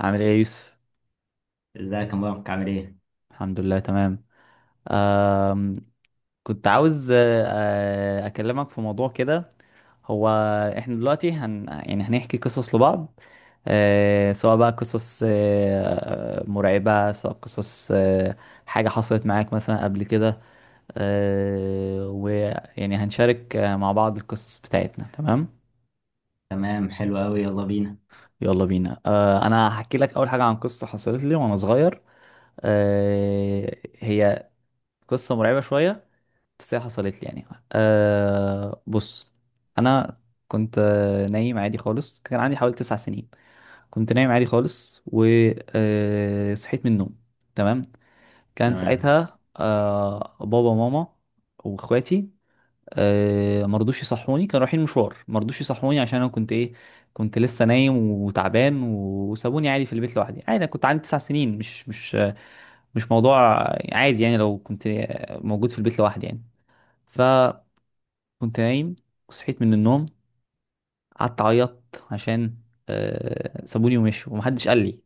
عامل ايه يا يوسف؟ ازيك يا مبارك؟ عامل ايه؟ الحمد لله تمام. آم، كنت عاوز اكلمك في موضوع كده. هو احنا دلوقتي يعني هنحكي قصص لبعض، سواء بقى قصص مرعبة، سواء قصص حاجة حصلت معاك مثلا قبل كده، ويعني هنشارك مع بعض القصص بتاعتنا. تمام. تمام، حلو قوي، يلا بينا. يلا بينا. انا هحكي لك اول حاجة عن قصة حصلت لي وانا صغير. آه، هي قصة مرعبة شوية، بس هي حصلت لي يعني. بص، انا كنت نايم عادي خالص، كان عندي حوالي 9 سنين. كنت نايم عادي خالص وصحيت من النوم. تمام. كان تمام. ساعتها بابا وماما واخواتي مرضوش يصحوني، كانوا رايحين مشوار، مرضوش يصحوني عشان انا كنت ايه، كنت لسه نايم وتعبان، وسابوني عادي في البيت لوحدي. عادي، انا كنت عندي 9 سنين، مش مش موضوع، عادي يعني لو كنت موجود في البيت لوحدي يعني، ف كنت نايم وصحيت من النوم، قعدت اعيط عشان سابوني ومشوا ومحدش قال لي.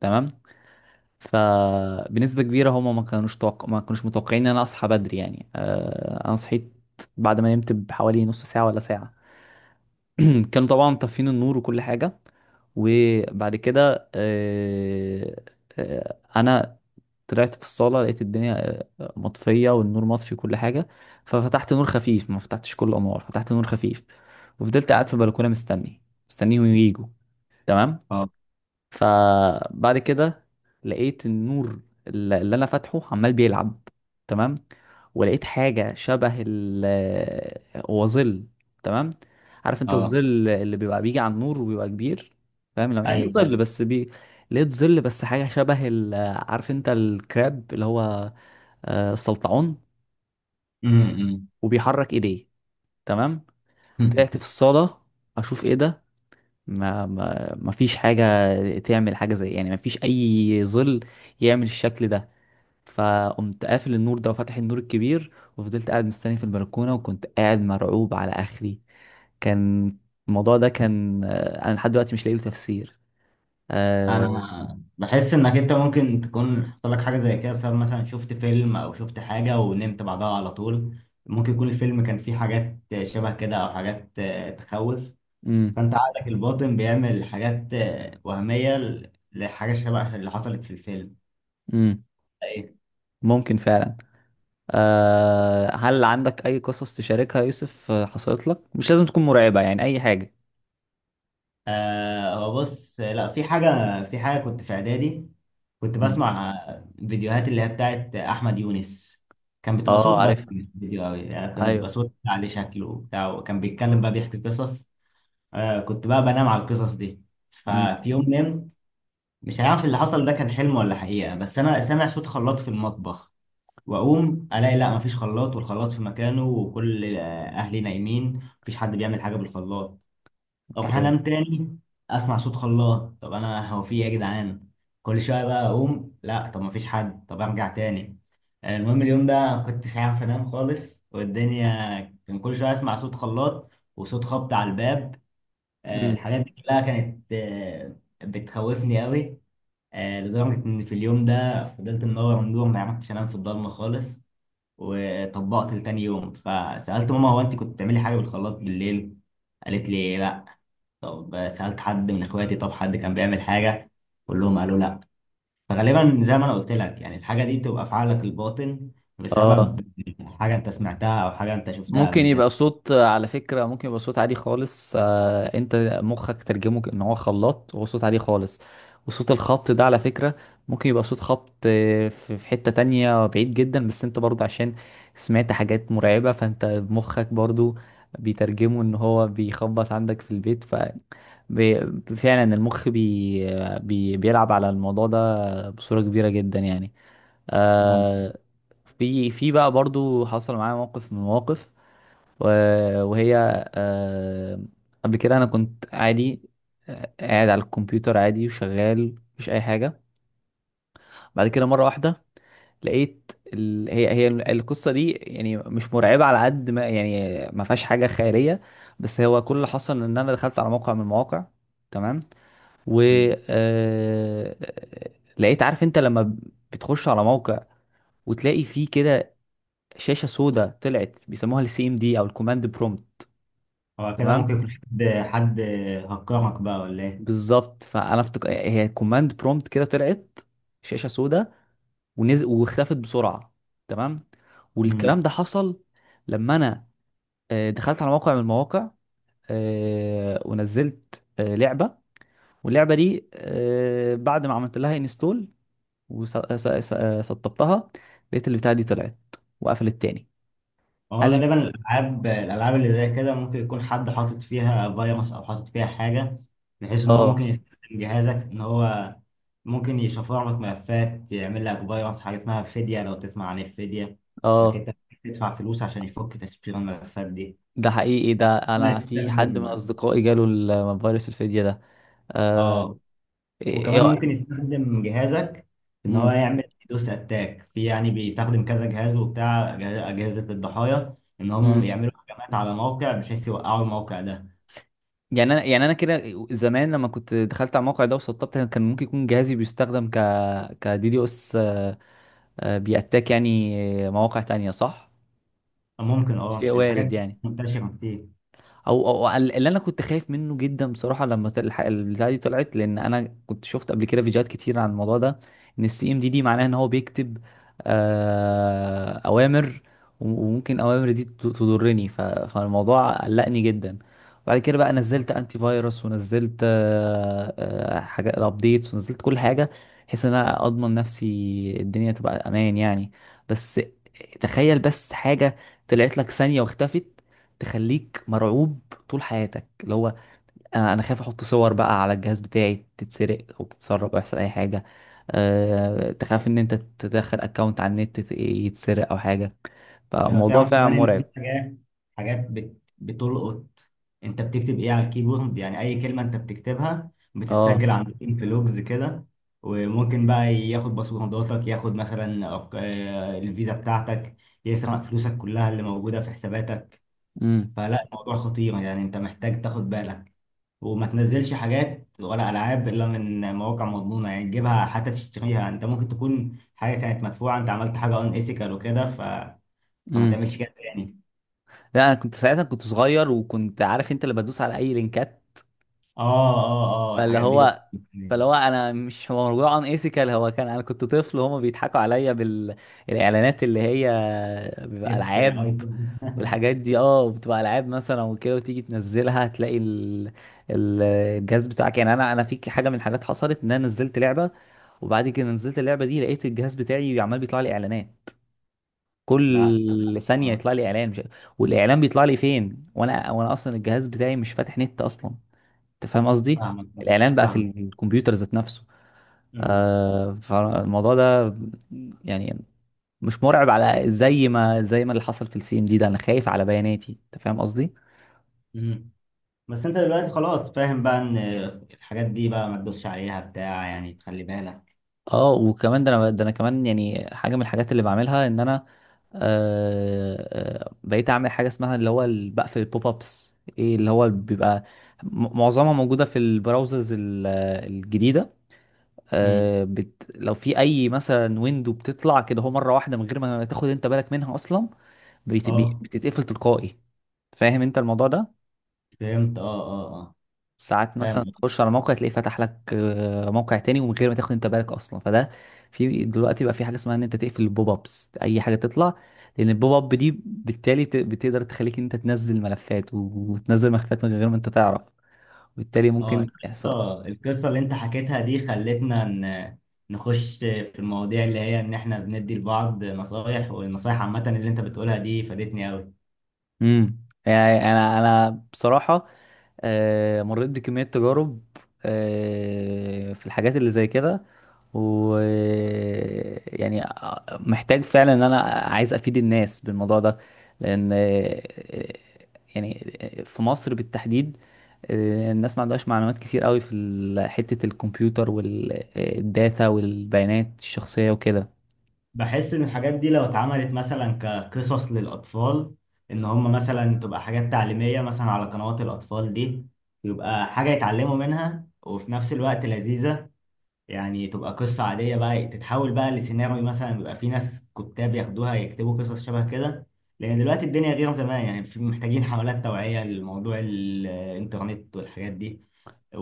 تمام. فبنسبة كبيرة هما ما كانوش متوقعين ان انا اصحى بدري يعني. انا صحيت بعد ما نمت بحوالي نص ساعة ولا ساعة. كانوا طبعا طافين النور وكل حاجة. وبعد كده انا طلعت في الصالة، لقيت الدنيا مطفية، والنور مطفي كل حاجة. ففتحت نور خفيف، ما فتحتش كل الأنوار، فتحت نور خفيف وفضلت قاعد في البلكونة مستني، مستنيهم ييجوا. تمام. اه. فبعد كده لقيت النور اللي انا فاتحه عمال بيلعب. تمام. ولقيت حاجه شبه ال، هو ظل. تمام. عارف انت اه. الظل اللي بيبقى بيجي على النور وبيبقى كبير، فاهم؟ لو يعني ايوه، أيوة. ظل بس لقيت ظل، بس حاجه شبه ال... عارف انت الكراب اللي هو السلطعون، امم. وبيحرك ايديه. تمام. أمم. طلعت في الصاله اشوف ايه ده، ما فيش حاجة تعمل حاجة زي، يعني ما فيش أي ظل يعمل الشكل ده. فقمت قافل النور ده وفتح النور الكبير، وفضلت قاعد مستني في البلكونة، وكنت قاعد مرعوب على آخري. كان الموضوع ده كان، أنا لحد دلوقتي مش لاقي له تفسير. آه... انا بحس انك انت ممكن تكون حصل لك حاجه زي كده بسبب مثلا شفت فيلم او شفت حاجه ونمت بعدها على طول. ممكن يكون الفيلم كان فيه حاجات شبه كده او حاجات تخوف. مم. فانت عقلك الباطن بيعمل حاجات وهميه لحاجه شبه اللي حصلت في الفيلم. مم. إيه؟ ممكن فعلا. هل عندك أي قصص تشاركها يا يوسف، حصلت لك؟ مش لازم تكون مرعبة، يعني أي حاجة. آه، هو بص، لا في حاجة. في حاجة كنت في إعدادي، كنت مم. بسمع فيديوهات اللي هي بتاعت أحمد يونس. كان بتبقى صوت اه، بس عارفها. مش فيديو أوي، يعني كان أيوه. بيبقى صوت عليه شكله وبتاع، وكان بيتكلم بقى بيحكي قصص. آه، كنت بقى بنام على القصص دي. مم. ففي يوم نمت، مش عارف اللي حصل ده كان حلم ولا حقيقة، بس أنا سامع صوت خلاط في المطبخ. وأقوم ألاقي لا مفيش خلاط، والخلاط في مكانه، وكل أهلي نايمين، مفيش حد بيعمل حاجة بالخلاط. اقوم أوكي. حلم تاني، اسمع صوت خلاط. طب انا هو في ايه يا جدعان؟ كل شويه بقى اقوم، لا طب ما فيش حد، طب ارجع تاني. المهم اليوم ده ما كنتش عارف انام خالص. والدنيا كان كل شويه اسمع صوت خلاط وصوت خبط على الباب. مم. الحاجات دي كلها كانت بتخوفني قوي. لدرجه ان في اليوم ده فضلت منور منور، ما عرفتش انام في الضلمه خالص. وطبقت لتاني يوم، فسالت ماما: هو انت كنت بتعملي حاجه بالخلاط بالليل؟ قالت لي لا. طب سألت حد من اخواتي، طب حد كان بيعمل حاجة؟ كلهم قالوا لا. فغالبا زي ما انا قلت لك، يعني الحاجة دي بتبقى في عقلك الباطن اه، بسبب حاجة انت سمعتها او حاجة انت شفتها ممكن قبل كده. يبقى صوت، على فكرة ممكن يبقى صوت عالي خالص، انت مخك ترجمه ان هو خلاط، وهو صوت عالي خالص. وصوت الخبط ده على فكرة ممكن يبقى صوت خبط في حتة تانية بعيد جدا، بس انت برضه عشان سمعت حاجات مرعبة، فانت مخك برضه بيترجمه ان هو بيخبط عندك في البيت. بي- فعلا المخ بي بي بيلعب على الموضوع ده بصورة كبيرة جدا يعني. ممكن. آه، في بقى برضو حصل معايا موقف من المواقف. وهي آه، قبل كده انا كنت عادي، قاعد على الكمبيوتر عادي وشغال، مفيش اي حاجه. بعد كده مره واحده لقيت هي القصه دي يعني مش مرعبه على قد ما، يعني ما فيهاش حاجه خياليه، بس هو كل اللي حصل ان انا دخلت على موقع من المواقع. تمام. و مم. آه، لقيت، عارف انت لما بتخش على موقع وتلاقي فيه كده شاشه سوداء طلعت، بيسموها السي ام دي او الكوماند برومبت. هو كده تمام. ممكن يكون حد، حد هكرهك بقى ولا ايه؟ بالظبط، فانا افتكر هي كوماند برومبت كده طلعت، شاشه سوداء ونزل، واختفت بسرعه. تمام. والكلام مم. ده حصل لما انا دخلت على موقع من المواقع، ونزلت لعبه، واللعبه دي بعد ما عملت لها انستول وسطبتها، لقيت البتاعه دي طلعت وقفلت تاني. هو قلب. غالبا الالعاب، اللي زي كده ممكن يكون حد حاطط فيها فيروس او حاطط فيها حاجه، بحيث ان هو ممكن اه، يستخدم جهازك، ان هو ممكن يشفر لك ملفات، يعمل لك فيروس، حاجه اسمها فديه، لو تسمع عن الفديه، انك اه، انت تدفع فلوس عشان يفك تشفير الملفات دي. ده حقيقي، ده هنا انا في حد من يستخدم. اصدقائي جاله الفيروس الفدية ده. آه... اه إيه... وكمان إيه... ممكن يستخدم جهازك ان هو مم. يعمل دوس اتاك، في يعني بيستخدم كذا جهاز وبتاع، اجهزه الضحايا، ان مم. هم يعملوا هجمات على موقع بحيث يوقعوا الموقع ده. يعني انا، كده زمان، لما كنت دخلت على الموقع ده وسطبت، كان ممكن يكون جهازي بيستخدم كدي دي اس، بيأتاك يعني مواقع تانية، صح؟ ممكن، شيء اه الحاجات وارد دي يعني. منتشرة كتير. او او أو اللي انا كنت خايف منه جدا بصراحه لما البتاعه دي طلعت، لان انا كنت شفت قبل كده فيديوهات كتير عن الموضوع ده، ان السي ام دي معناها ان هو بيكتب اوامر، وممكن اوامر دي تضرني، فالموضوع قلقني جدا. بعد كده بقى نزلت انتي فيروس، ونزلت حاجات الابديتس، ونزلت كل حاجه بحيث ان انا اضمن نفسي الدنيا تبقى امان يعني. بس تخيل بس حاجه طلعت لك ثانيه واختفت، تخليك مرعوب طول حياتك. اللي هو انا خايف احط صور بقى على الجهاز بتاعي تتسرق او تتسرب، او يحصل اي حاجه. أه، تخاف ان انت تدخل اكونت على النت يتسرق او حاجه. ايوه فالموضوع تعرف فعلا كمان ان مرعب. في حاجات، بتلقط انت بتكتب ايه على الكيبورد. يعني اي كلمة انت بتكتبها اه، بتتسجل عندكم في لوجز كده. وممكن بقى ياخد باسورداتك، ياخد مثلا الفيزا بتاعتك، يسرق فلوسك كلها اللي موجودة في حساباتك. امم، فلا، الموضوع خطير، يعني انت محتاج تاخد بالك، وما تنزلش حاجات ولا العاب الا من مواقع مضمونه. يعني تجيبها حتى تشتريها، انت ممكن تكون حاجه كانت مدفوعه، انت عملت حاجه ان ايثيكال وكده ف... فما امم. تعملش كده تاني. لا، انا كنت ساعتها كنت صغير، وكنت عارف انت اللي بدوس على اي لينكات. اه فاللي هو فاللي هو انا، مش هو موضوع ان ايثيكال، هو كان انا كنت طفل، وهما بيضحكوا عليا بالاعلانات اللي هي بيبقى جبت العاب، ايفون. والحاجات دي، اه، بتبقى العاب مثلا وكده، وتيجي تنزلها تلاقي الجهاز بتاعك. يعني انا، في حاجه من الحاجات حصلت، ان انا نزلت لعبه، وبعد كده نزلت اللعبه دي لقيت الجهاز بتاعي عمال بيطلع لي اعلانات، لا كل ثانيه اه. يطلع لي اعلان، مش... والاعلان بيطلع لي فين، وانا، اصلا الجهاز بتاعي مش فاتح نت اصلا، انت فاهم قصدي؟ فاهمك. الاعلان بقى في فاهم. الكمبيوتر ذات نفسه. أمم. فالموضوع ده يعني مش مرعب على زي ما اللي حصل في السي ام دي ده، انا خايف على بياناتي، انت فاهم قصدي؟ أمم. بس انت دلوقتي خلاص فاهم بقى ان الحاجات دي بقى ما تدوسش عليها بتاع، يعني تخلي بالك. اه، وكمان، ده انا، كمان يعني حاجه من الحاجات اللي بعملها، ان انا بقيت اعمل حاجه اسمها اللي هو بقفل البوب ابس، ايه اللي هو بيبقى، معظمها موجوده في البراوزرز الجديده. امم. لو في اي مثلا ويندو بتطلع كده هو مره واحده من غير ما تاخد انت بالك منها اصلا، اه. بتتقفل تلقائي، فاهم انت الموضوع ده؟ فهمت. اه اه. اه ساعات مثلا فاهم. تخش على موقع تلاقيه فتح لك موقع تاني، ومن غير ما تاخد انت بالك اصلا، فده في دلوقتي بقى في حاجه اسمها ان انت تقفل البوب ابس اي حاجه تطلع، لان البوب اب دي بالتالي بتقدر تخليك انت تنزل ملفات، وتنزل ملفات من غير ما انت تعرف، وبالتالي اه ممكن يحصل. القصة، اللي انت حكيتها دي خلتنا نخش في المواضيع اللي هي ان احنا بندي لبعض نصايح، والنصايح عامة اللي انت بتقولها دي فادتني قوي. امم. يعني انا، بصراحه مريت بكمية تجارب في الحاجات اللي زي كده، و يعني محتاج فعلا ان انا عايز افيد الناس بالموضوع ده، لان يعني في مصر بالتحديد الناس ما عندهاش معلومات كتير قوي في حتة الكمبيوتر والداتا والبيانات الشخصية وكده. بحس ان الحاجات دي لو اتعملت مثلا كقصص للاطفال، ان هم مثلا تبقى حاجات تعليمية مثلا على قنوات الاطفال دي، يبقى حاجة يتعلموا منها وفي نفس الوقت لذيذة. يعني تبقى قصة عادية بقى تتحول بقى لسيناريو، مثلا بيبقى في ناس كتاب ياخدوها يكتبوا قصص شبه كده. لأن دلوقتي الدنيا غير زمان، يعني في محتاجين حملات توعية لموضوع الإنترنت والحاجات دي.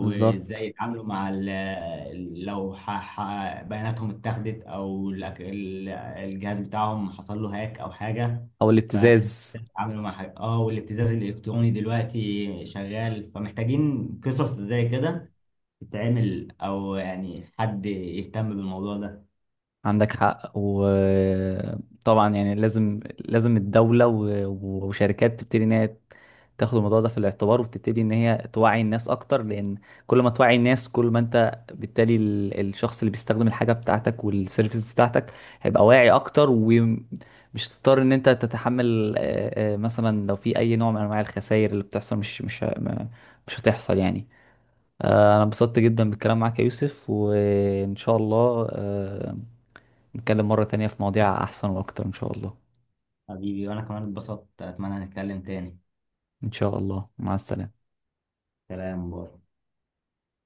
بالظبط، يتعاملوا مع ال- لو بياناتهم اتاخدت، أو الجهاز بتاعهم حصل له هاك أو حاجة. او ف- الابتزاز. يتعاملوا مع حاجة، اه والابتزاز الإلكتروني دلوقتي شغال، فمحتاجين قصص زي كده تتعمل، او يعني حد يهتم بالموضوع ده. عندك حق، وطبعا يعني لازم لازم الدولة وشركات تبتدي ان هي تاخد الموضوع ده في الاعتبار، وتبتدي ان هي توعي الناس اكتر، لان كل ما توعي الناس كل ما انت بالتالي الشخص اللي بيستخدم الحاجة بتاعتك والسيرفيس بتاعتك هيبقى واعي اكتر، ومش تضطر ان انت تتحمل، مثلا لو في اي نوع من انواع الخسائر اللي بتحصل مش مش ه- ما- مش هتحصل يعني. انا انبسطت جدا بالكلام معاك يا يوسف، وان شاء الله نتكلم مرة تانية في مواضيع أحسن وأكتر إن شاء الله. حبيبي وانا كمان اتبسطت، اتمنى نتكلم تاني. إن شاء الله، مع السلامة. سلام، باي.